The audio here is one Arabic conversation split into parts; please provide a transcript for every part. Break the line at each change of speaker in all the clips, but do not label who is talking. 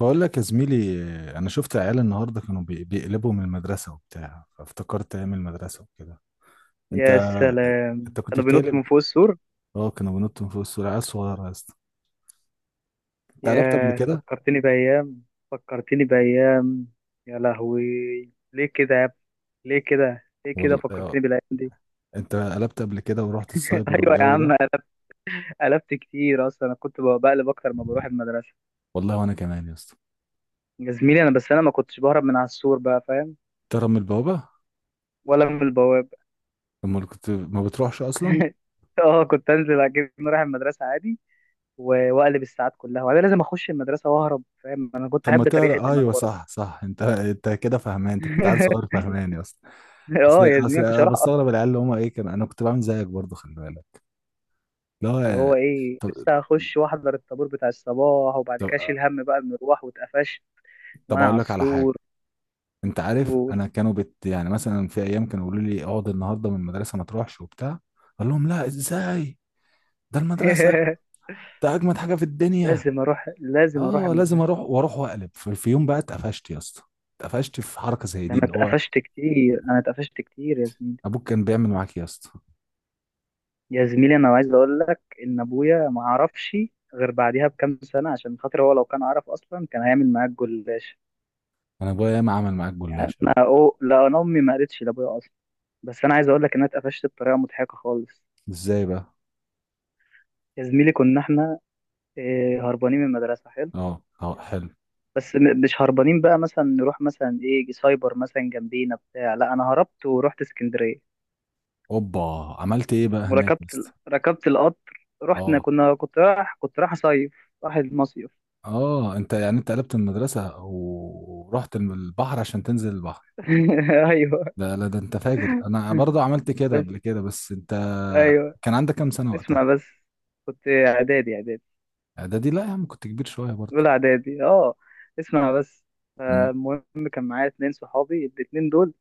بقول لك يا زميلي، انا شفت عيال النهارده كانوا بيقلبوا من المدرسه وبتاع، فافتكرت ايام المدرسه وكده. انت
يا سلام،
انت كنت
كانوا بينطوا
بتقلب؟
من فوق السور.
اه كانوا بينطوا من فوق السور، عيال صغيره يا اسطى. انت قلبت قبل
يا
كده؟
فكرتني بأيام فكرتني بأيام يا لهوي، ليه كده يا ابني؟ ليه كده ليه كده
والله آه.
فكرتني بالأيام دي؟
انت قلبت قبل كده ورحت السايبر
أيوة يا
والجو ده؟
عم، قلبت كتير أصلا. أنا كنت بقلب أكتر ما بروح المدرسة.
والله وانا كمان يا اسطى.
يا زميلي أنا بس أنا ما كنتش بهرب من على السور بقى، فاهم؟
تهرب من البوابه؟
ولا من البواب.
امال كنت ما بتروحش اصلا.
اه كنت انزل اجيب رايح المدرسه عادي واقلب الساعات كلها، وبعدين لازم اخش المدرسه واهرب، فاهم؟ انا كنت
طب ما
احب تريح
تهرب،
الدماغ
ايوه
برضه.
صح صح، انت كده فهمان، انت كنت عيل صغير فهمان يا اسطى.
اه
اصل
يا
اصل
زميلي، مش
انا
هروح.
بستغرب العيال اللي هم ايه كانوا، انا كنت بعمل زيك برضه خلي بالك.
اللي
لا.
هو ايه لسه هخش واحضر الطابور بتاع الصباح، وبعد كده
طب
اشيل هم بقى المروح واتقفش
طب
وانا
اقول
على
لك على حاجه.
السور
انت عارف
و...
انا كانوا يعني مثلا في ايام كانوا يقولوا لي اقعد النهارده من المدرسه ما تروحش وبتاع، اقول لهم لا ازاي؟ ده المدرسه، ده اجمد حاجه في الدنيا.
لازم اروح لازم اروح
اه لازم
المدرسه.
اروح، واروح واقلب، في يوم بقى اتقفشت يا اسطى. اتقفشت في حركه زي
ده
دي
انا
اللي هو،
اتقفشت كتير، انا اتقفشت كتير يا زميلي.
ابوك كان بيعمل معاك إيه يا اسطى؟
يا زميلي انا عايز اقول لك ان ابويا ما عرفش غير بعديها بكام سنه، عشان خاطر هو لو كان عرف اصلا كان هيعمل معاك جلاش.
انا ابويا ياما عمل معاك
يعني
جلاشه بقى.
لا انا امي ما قالتش لابويا اصلا، بس انا عايز اقول لك ان انا اتقفشت بطريقه مضحكه خالص.
ازاي بقى؟
يا زميلي كنا احنا هربانين من المدرسه،
اه اه حلو.
بس مش هربانين بقى مثلا نروح مثلا ايه سايبر مثلا جنبينا بتاع، لا انا هربت ورحت اسكندريه.
اوبا، عملت ايه بقى هناك يا
وركبت
اسطى؟
ركبت القطر، رحنا،
اه
كنت رايح اصيف، رايح المصيف.
اه، انت يعني انت قلبت المدرسه ورحت البحر عشان تنزل البحر؟
ايوه،
ده لا ده انت فاجر، انا برضو عملت كده
بس
قبل كده بس انت،
ايوه
كان عندك كام سنة وقتها؟
اسمع بس. كنت اعدادي،
اعدادي؟ لا يا عم كنت كبير شوية برضو.
اولى اعدادي اه. اسمع بس،
امم
المهم كان معايا اتنين صحابي، الاتنين دول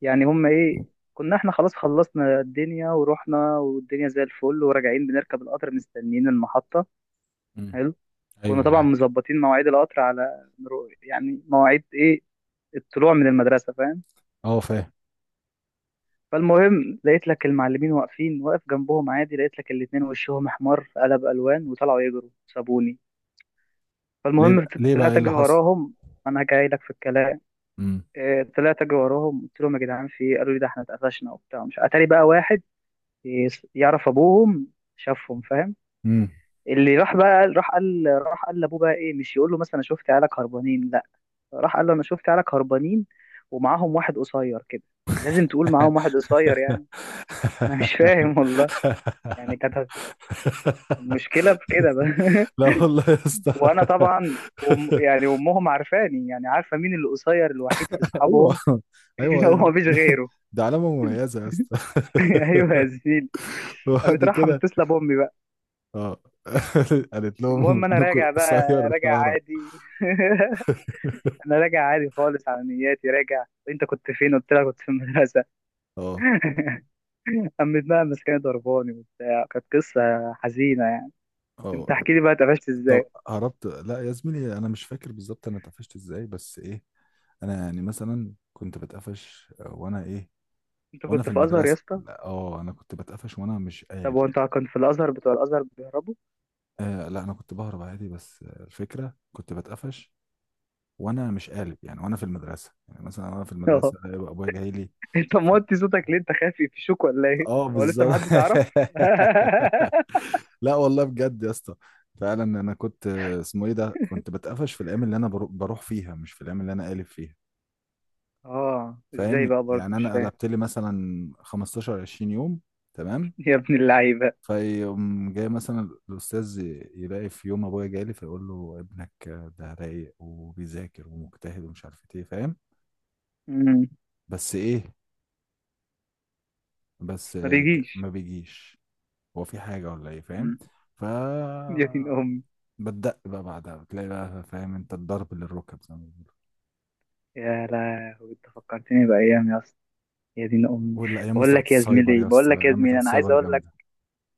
يعني هما ايه، كنا احنا خلاص خلصنا الدنيا ورحنا، والدنيا زي الفل، وراجعين بنركب القطر مستنيين المحطة.
امم
حلو. كنا
ايوه
طبعا
معاك.
مظبطين مواعيد القطر على يعني مواعيد ايه، الطلوع من المدرسه، فاهم؟
اه فاهم.
فالمهم لقيت لك المعلمين واقفين، واقف جنبهم عادي، لقيت لك الاتنين وشهم احمر قلب الوان وطلعوا يجروا سابوني.
ليه
فالمهم
بقى؟ ليه بقى؟ ايه
طلعت اجري
اللي حصل؟
وراهم. انا جاي لك في الكلام.
امم
طلعت اجري وراهم، قلت لهم يا جدعان في إيه؟ قالوا لي ده احنا اتقفشنا وبتاع. مش اتاري بقى واحد يعرف ابوهم شافهم، فاهم؟
امم
اللي راح بقى، راح قال لابوه بقى ايه، مش يقول له مثلا شفت عيالك هربانين، لا، راح قال له انا شفت عيالك هربانين ومعاهم واحد قصير كده. لازم تقول معاهم واحد قصير يعني. انا مش فاهم والله، يعني كانت المشكله في كده بقى.
لا والله يا اسطى
وانا طبعا يعني امهم عارفاني، يعني عارفه مين اللي قصير الوحيد في
ايوه
اصحابهم. هو
ايوه،
مفيش غيره.
ده علامة مميزة يا اسطى.
ايوه يا زميلي.
وبعد
قامت رايحه
كده
متصله بامي بقى.
اه. قالت لهم
المهم انا
ابنكم
راجع بقى،
قصير
راجع
شعره.
عادي. انا راجع عادي خالص على نياتي، راجع. انت كنت فين؟ قلت لها كنت في المدرسه.
اه
قام متنقمص، كان ضرباني وبتاع، كانت قصة حزينة يعني. انت
اه.
احكي لي بقى اتقفشت
طب
ازاي.
هربت، لا يا زميلي انا مش فاكر بالظبط انا اتقفشت ازاي بس ايه، انا يعني مثلا كنت بتقفش وانا ايه،
انت
وانا
كنت
في
في ازهر يا
المدرسه.
اسطى؟
لا، اه انا كنت بتقفش وانا مش
طب
قالب
هو انت
يعني.
كنت في الازهر، بتوع الازهر بيهربوا؟
آه لا انا كنت بهرب عادي بس آه، الفكره كنت بتقفش وانا مش قالب يعني وانا في المدرسه، يعني مثلا وانا في
اه،
المدرسه يبقى ابويا جاي لي.
انت
ف-
موطي صوتك ليه؟ انت خايف يفشوك ولا ايه؟
اه
هو لسه
بالظبط.
محدش عرف؟
لا والله بجد يا اسطى، فعلا انا كنت آه، اسمه ايه ده، كنت بتقفش في الايام اللي انا بروح فيها مش في الايام اللي انا قالب فيها،
اه، ازاي
فاهم؟
بقى؟ برضه
يعني
مش
انا
فاهم.
قلبت لي مثلا 15 20 يوم، تمام.
يا ابن اللعيبة.
فيقوم جاي مثلا الاستاذ يلاقي في يوم ابويا جالي فيقول له ابنك ده رايق وبيذاكر ومجتهد ومش عارف ايه، فاهم؟
مم.
بس ايه،
ما بيجيش.
ما بيجيش، هو في حاجه ولا ايه، فاهم؟
مم.
ف،
يا دين امي.
بتدق بقى بعدها بتلاقي بقى فاهم انت الضرب للركب زي ما بيقولوا.
يا لهوي، انت فكرتني بايام يا اسطى. يا دين امي.
والايام
بقول
بتاعت
لك يا
السايبر
زميلي،
يا
بقول
اسطى،
لك يا
الايام
زميلي،
بتاعت
انا عايز
السايبر
اقول لك.
جامده.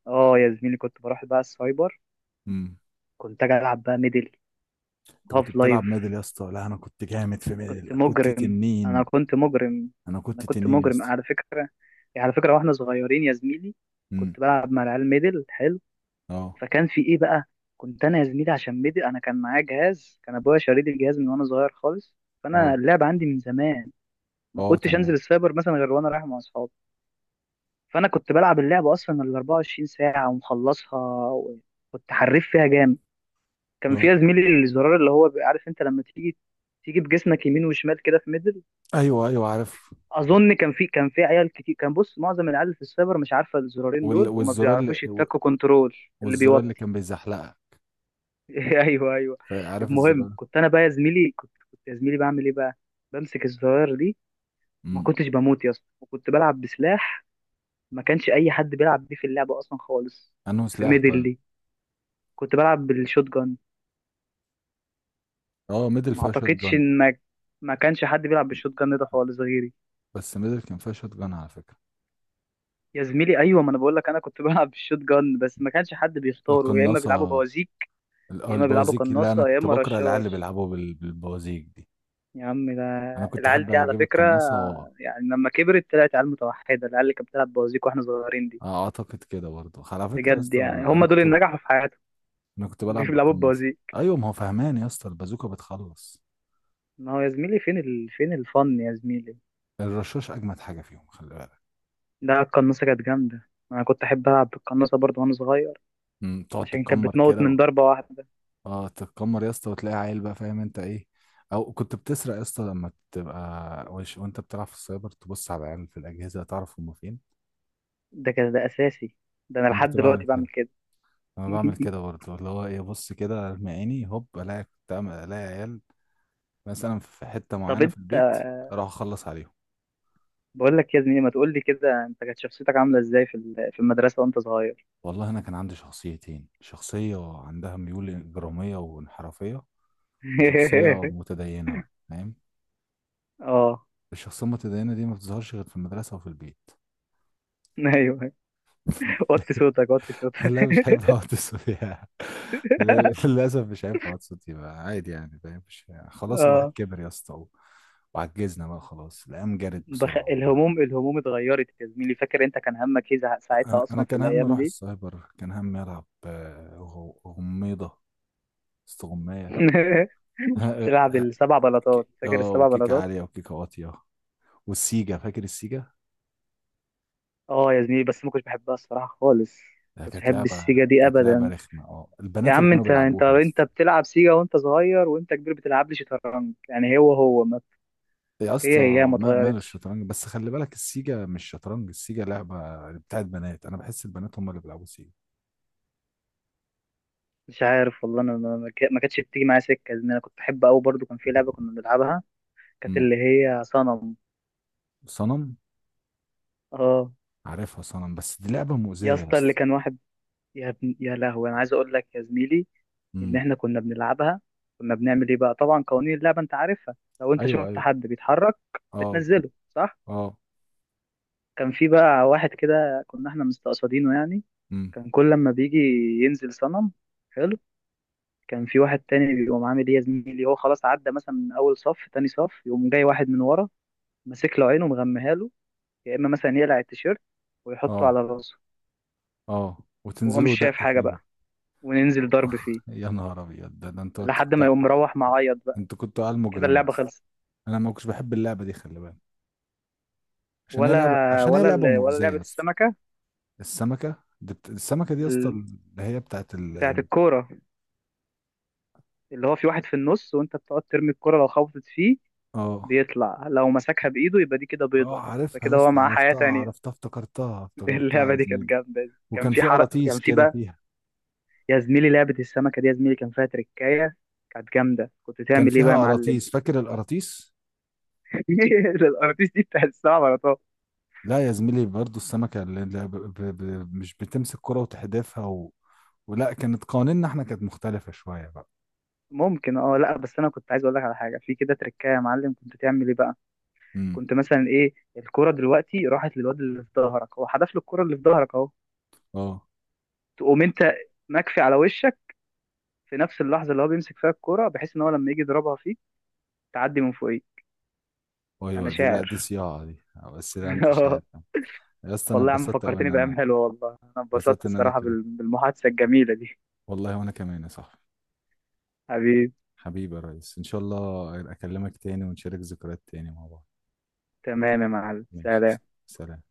اه يا زميلي، كنت بروح بقى السايبر،
امم
كنت اجي العب بقى ميدل،
انت كنت
هاف لايف.
بتلعب ميدل يا اسطى؟ لا انا كنت جامد في
كنت
ميدل، كنت
مجرم، انا
تنين.
كنت مجرم.
انا
انا
كنت
كنت
تنين يا
مجرم
اسطى.
على فكره. يعني على فكره، واحنا صغيرين يا زميلي،
امم
كنت بلعب مع العيال ميدل، حلو.
اه.
فكان في ايه بقى، كنت انا يا زميلي عشان ميدل، انا كان معايا جهاز، كان ابويا شاري لي الجهاز من وانا صغير خالص، فانا
اه.
اللعب عندي من زمان. ما
اه
كنتش
تمام.
انزل السايبر مثلا غير وانا رايح مع اصحابي. فانا كنت بلعب اللعبه اصلا ال 24 ساعه ومخلصها، وكنت حريف فيها جامد. كان
اه.
فيها زميلي الزرار، اللي هو بيبقى عارف انت لما تيجي تيجي بجسمك يمين وشمال كده في ميدل.
ايوه ايوه عارف.
اظن كان في عيال كتير، كان بص معظم العيال في السايبر مش عارفه الزرارين دول، وما
والزرار اللي،
بيعرفوش يتكوا كنترول. اللي
والزرار اللي
بيوطي.
كان بيزحلقها.
ايوه ايوه.
عارف
المهم
الزرار؟
كنت انا بقى يا زميلي، كنت يا زميلي بعمل ايه بقى، بمسك الزرار دي، ما
امم
كنتش بموت يا اسطى، وكنت بلعب بسلاح ما كانش اي حد بيلعب بيه في اللعبه اصلا خالص.
انه
في
سلاح
ميدل
طيب؟
دي كنت بلعب بالشوت جان.
اه ميدل
ما
فيها شوت
اعتقدش
جان؟
ان ما ما كانش حد بيلعب بالشوت جان ده خالص غيري.
بس ميدل كان فيها شوت جان على فكره.
يا زميلي ايوه، ما انا بقول لك انا كنت بلعب بالشوت جان، بس ما كانش حد بيختاره، يا اما بيلعبوا
القناصه،
بوازيك
آه،
يا اما بيلعبوا
البوازيك، لا انا
قناصه يا
كنت
اما
بكره العيال اللي
رشاش.
بيلعبوا بالبوازيك دي.
يا عم ده
انا كنت
العيال
احب
دي على
اجيب
فكره،
القناصه
يعني لما كبرت طلعت عيال متوحده، العيال اللي كانت بتلعب بوازيك واحنا صغيرين دي،
آه، اعتقد كده برضه على فكره يا
بجد
اسطى.
يعني
انا
هم دول
كنت،
اللي نجحوا في حياتهم.
انا كنت
اللي
بلعب
بيلعبوا
بالقناصه.
بوازيك.
ايوه ما هو فهمان يا اسطى، البازوكه بتخلص،
ما هو يا زميلي، فين الفن يا زميلي؟
الرشاش اجمد حاجه فيهم خلي بالك.
ده القناصه كانت جامده، انا كنت احب العب بالقناصه برضه وانا صغير،
أمم، تقعد طب
عشان كانت
تتكمر
بتموت
كده
من ضربه واحده.
اه تتكمر يا اسطى وتلاقي عيل بقى فاهم انت ايه. او كنت بتسرق يا اسطى لما تبقى وانت بتلعب في السايبر تبص على العيال في الاجهزه تعرف هم فين.
ده كده ده اساسي، ده انا
انا
لحد
كنت بعمل
دلوقتي بعمل
كده.
كده.
انا بعمل كده برضه، اللي هو ايه، ابص كده ارمي عيني هوب الاقي، الاقي عيال مثلا في حته
طب
معينه في
انت،
البيت، اروح اخلص عليهم.
بقول لك يا زميلي، ما تقول لي كده انت كانت شخصيتك عامله ازاي في المدرسه وانت صغير؟
والله انا كان عندي شخصيتين، شخصيه عندها ميول اجراميه وانحرافيه، وشخصيه متدينه بقى فاهم.
اه،
الشخصية المتدينة دي ما بتظهرش غير في المدرسة وفي البيت.
ايوه. وطي صوتك وطي صوتك.
لا مش هينفع اقعد فيها. للأسف مش هينفع اقعد فيها عادي، يعني فاهم، مش يعني. خلاص الواحد
اه.
كبر يا اسطى، و-، وعجزنا بقى خلاص، الأيام جرت بسرعة والله.
الهموم اتغيرت يا زميلي. فاكر انت كان همك ايه ساعتها
أنا
اصلا في
كان همي
الايام
أروح
دي؟
السايبر، كان همي ألعب آه، غميضة، استغماية.
تلعب السبع بلاطات، فاكر
اه،
السبع
وكيكة
بلاطات؟
عالية وكيكة واطية، والسيجا، فاكر السيجا؟
اه يا زميلي، بس ما كنتش بحبها الصراحه خالص.
ده
كنتش
كانت
بحب
لعبة،
السيجا دي
كانت لعبة
ابدا.
رخمة، اه
يا
البنات اللي
عم،
كانوا
انت انت
بيلعبوها.
انت بتلعب سيجا وانت صغير، وانت كبير بتلعب لي شطرنج، يعني هو هو ما
يا
هي
اسطى
ما
ما ماله
اتغيرتش.
الشطرنج، بس خلي بالك السيجا مش شطرنج، السيجا لعبة بتاعت بنات، انا بحس البنات هم اللي بيلعبوا سيجا.
مش عارف والله، انا ما كانتش بتيجي معايا سكه، لان انا كنت بحب قوي برضو، كان في لعبه كنا بنلعبها، كانت
امم
اللي هي صنم.
صنم.
اه
عارفها صنم، بس دي لعبة
يا
مؤذية يا
اسطى، اللي
اسطى.
كان واحد، يا لهوي، انا عايز اقول لك يا زميلي ان
امم
احنا كنا بنلعبها، كنا بنعمل ايه بقى. طبعا قوانين اللعبه انت عارفها، لو انت
ايوه
شفت
ايوه.
حد بيتحرك
اه.
بتنزله، صح؟
اه.
كان في بقى واحد كده كنا احنا مستقصدينه يعني،
امم
كان كل لما بيجي ينزل صنم، حلو. كان في واحد تاني بيقوم عامل ايه يا زميلي، هو خلاص عدى مثلا من اول صف تاني صف، يقوم جاي واحد من ورا ماسك له عينه ومغميها له، يا اما مثلا يقلع التيشيرت ويحطه
اه.
على راسه،
اه.
وهو مش
وتنزلوا
شايف
دق
حاجه
فيه
بقى،
بقى.
وننزل ضرب فيه
يا نهار ابيض، ده ده، انتوا
لحد ما
كنت،
يقوم مروح معيط بقى،
انتوا كنتوا عيال
كده
مجرمة يا
اللعبه
اسطى.
خلصت.
انا ما كنتش بحب اللعبة دي خلي بالك،
ولا
عشان هي
ولا
لعبة
ال- ولا
مؤذية
لعبه
يا اسطى.
السمكه،
السمكة، السمكة دي يا اسطى
ال-
اللي هي بتاعت
بتاعه الكوره، اللي هو في واحد في النص وانت بتقعد ترمي الكوره، لو خبطت فيه
اه
بيطلع، لو مسكها بايده يبقى دي كده
اه
بيضه،
عارفها يا
فكده هو
اسطى،
معاه حياه
عرفتها
تانية.
عرفتها، افتكرتها افتكرتها
اللعبه
يا
دي كانت
زميلي.
جامده دي. كان
وكان
في
في
حرق، كان
قراطيس
في
كده
بقى،
فيها،
يا زميلي لعبه السمكه دي يا زميلي، كان فيها تركايه، كانت جامده. كنت
كان
تعمل ايه بقى
فيها
يا معلم؟
قراطيس، فاكر القراطيس؟
ده الارتيس دي بتاع السبع بلاطات.
لا يا زميلي برضو السمكة اللي اللي ب... ب... ب... مش بتمسك كرة وتحدفها ولا كانت قوانيننا احنا كانت مختلفة شوية بقى.
ممكن، اه، لا، بس انا كنت عايز اقول لك على حاجه، في كده تركايه يا معلم، كنت تعمل ايه بقى؟
امم
كنت مثلا ايه، الكره دلوقتي راحت للواد اللي في ظهرك، هو حدف له الكره اللي في ظهرك اهو،
اه
تقوم انت مكفي على وشك في نفس اللحظه اللي هو بيمسك فيها الكره، بحيث ان هو لما يجي يضربها فيك تعدي من فوقيه.
ايوه،
انا
دي لا دي
شاعر.
صياعة دي. بس لا انت مش
اه،
عارف. يا اسطى انا
والله يا عم
اتبسطت قوي ان
فكرتني بايام
انا،
حلوه، والله انا اتبسطت
اتبسطت ان انا
الصراحه
كده.
بالمحادثه الجميله دي.
والله وانا كمان يا صاحبي.
حبيبي،
حبيبي، يا ريس ان شاء الله اكلمك تاني ونشارك ذكريات تاني مع بعض.
تمام يا معلم،
ماشي.
سلام.
سلام.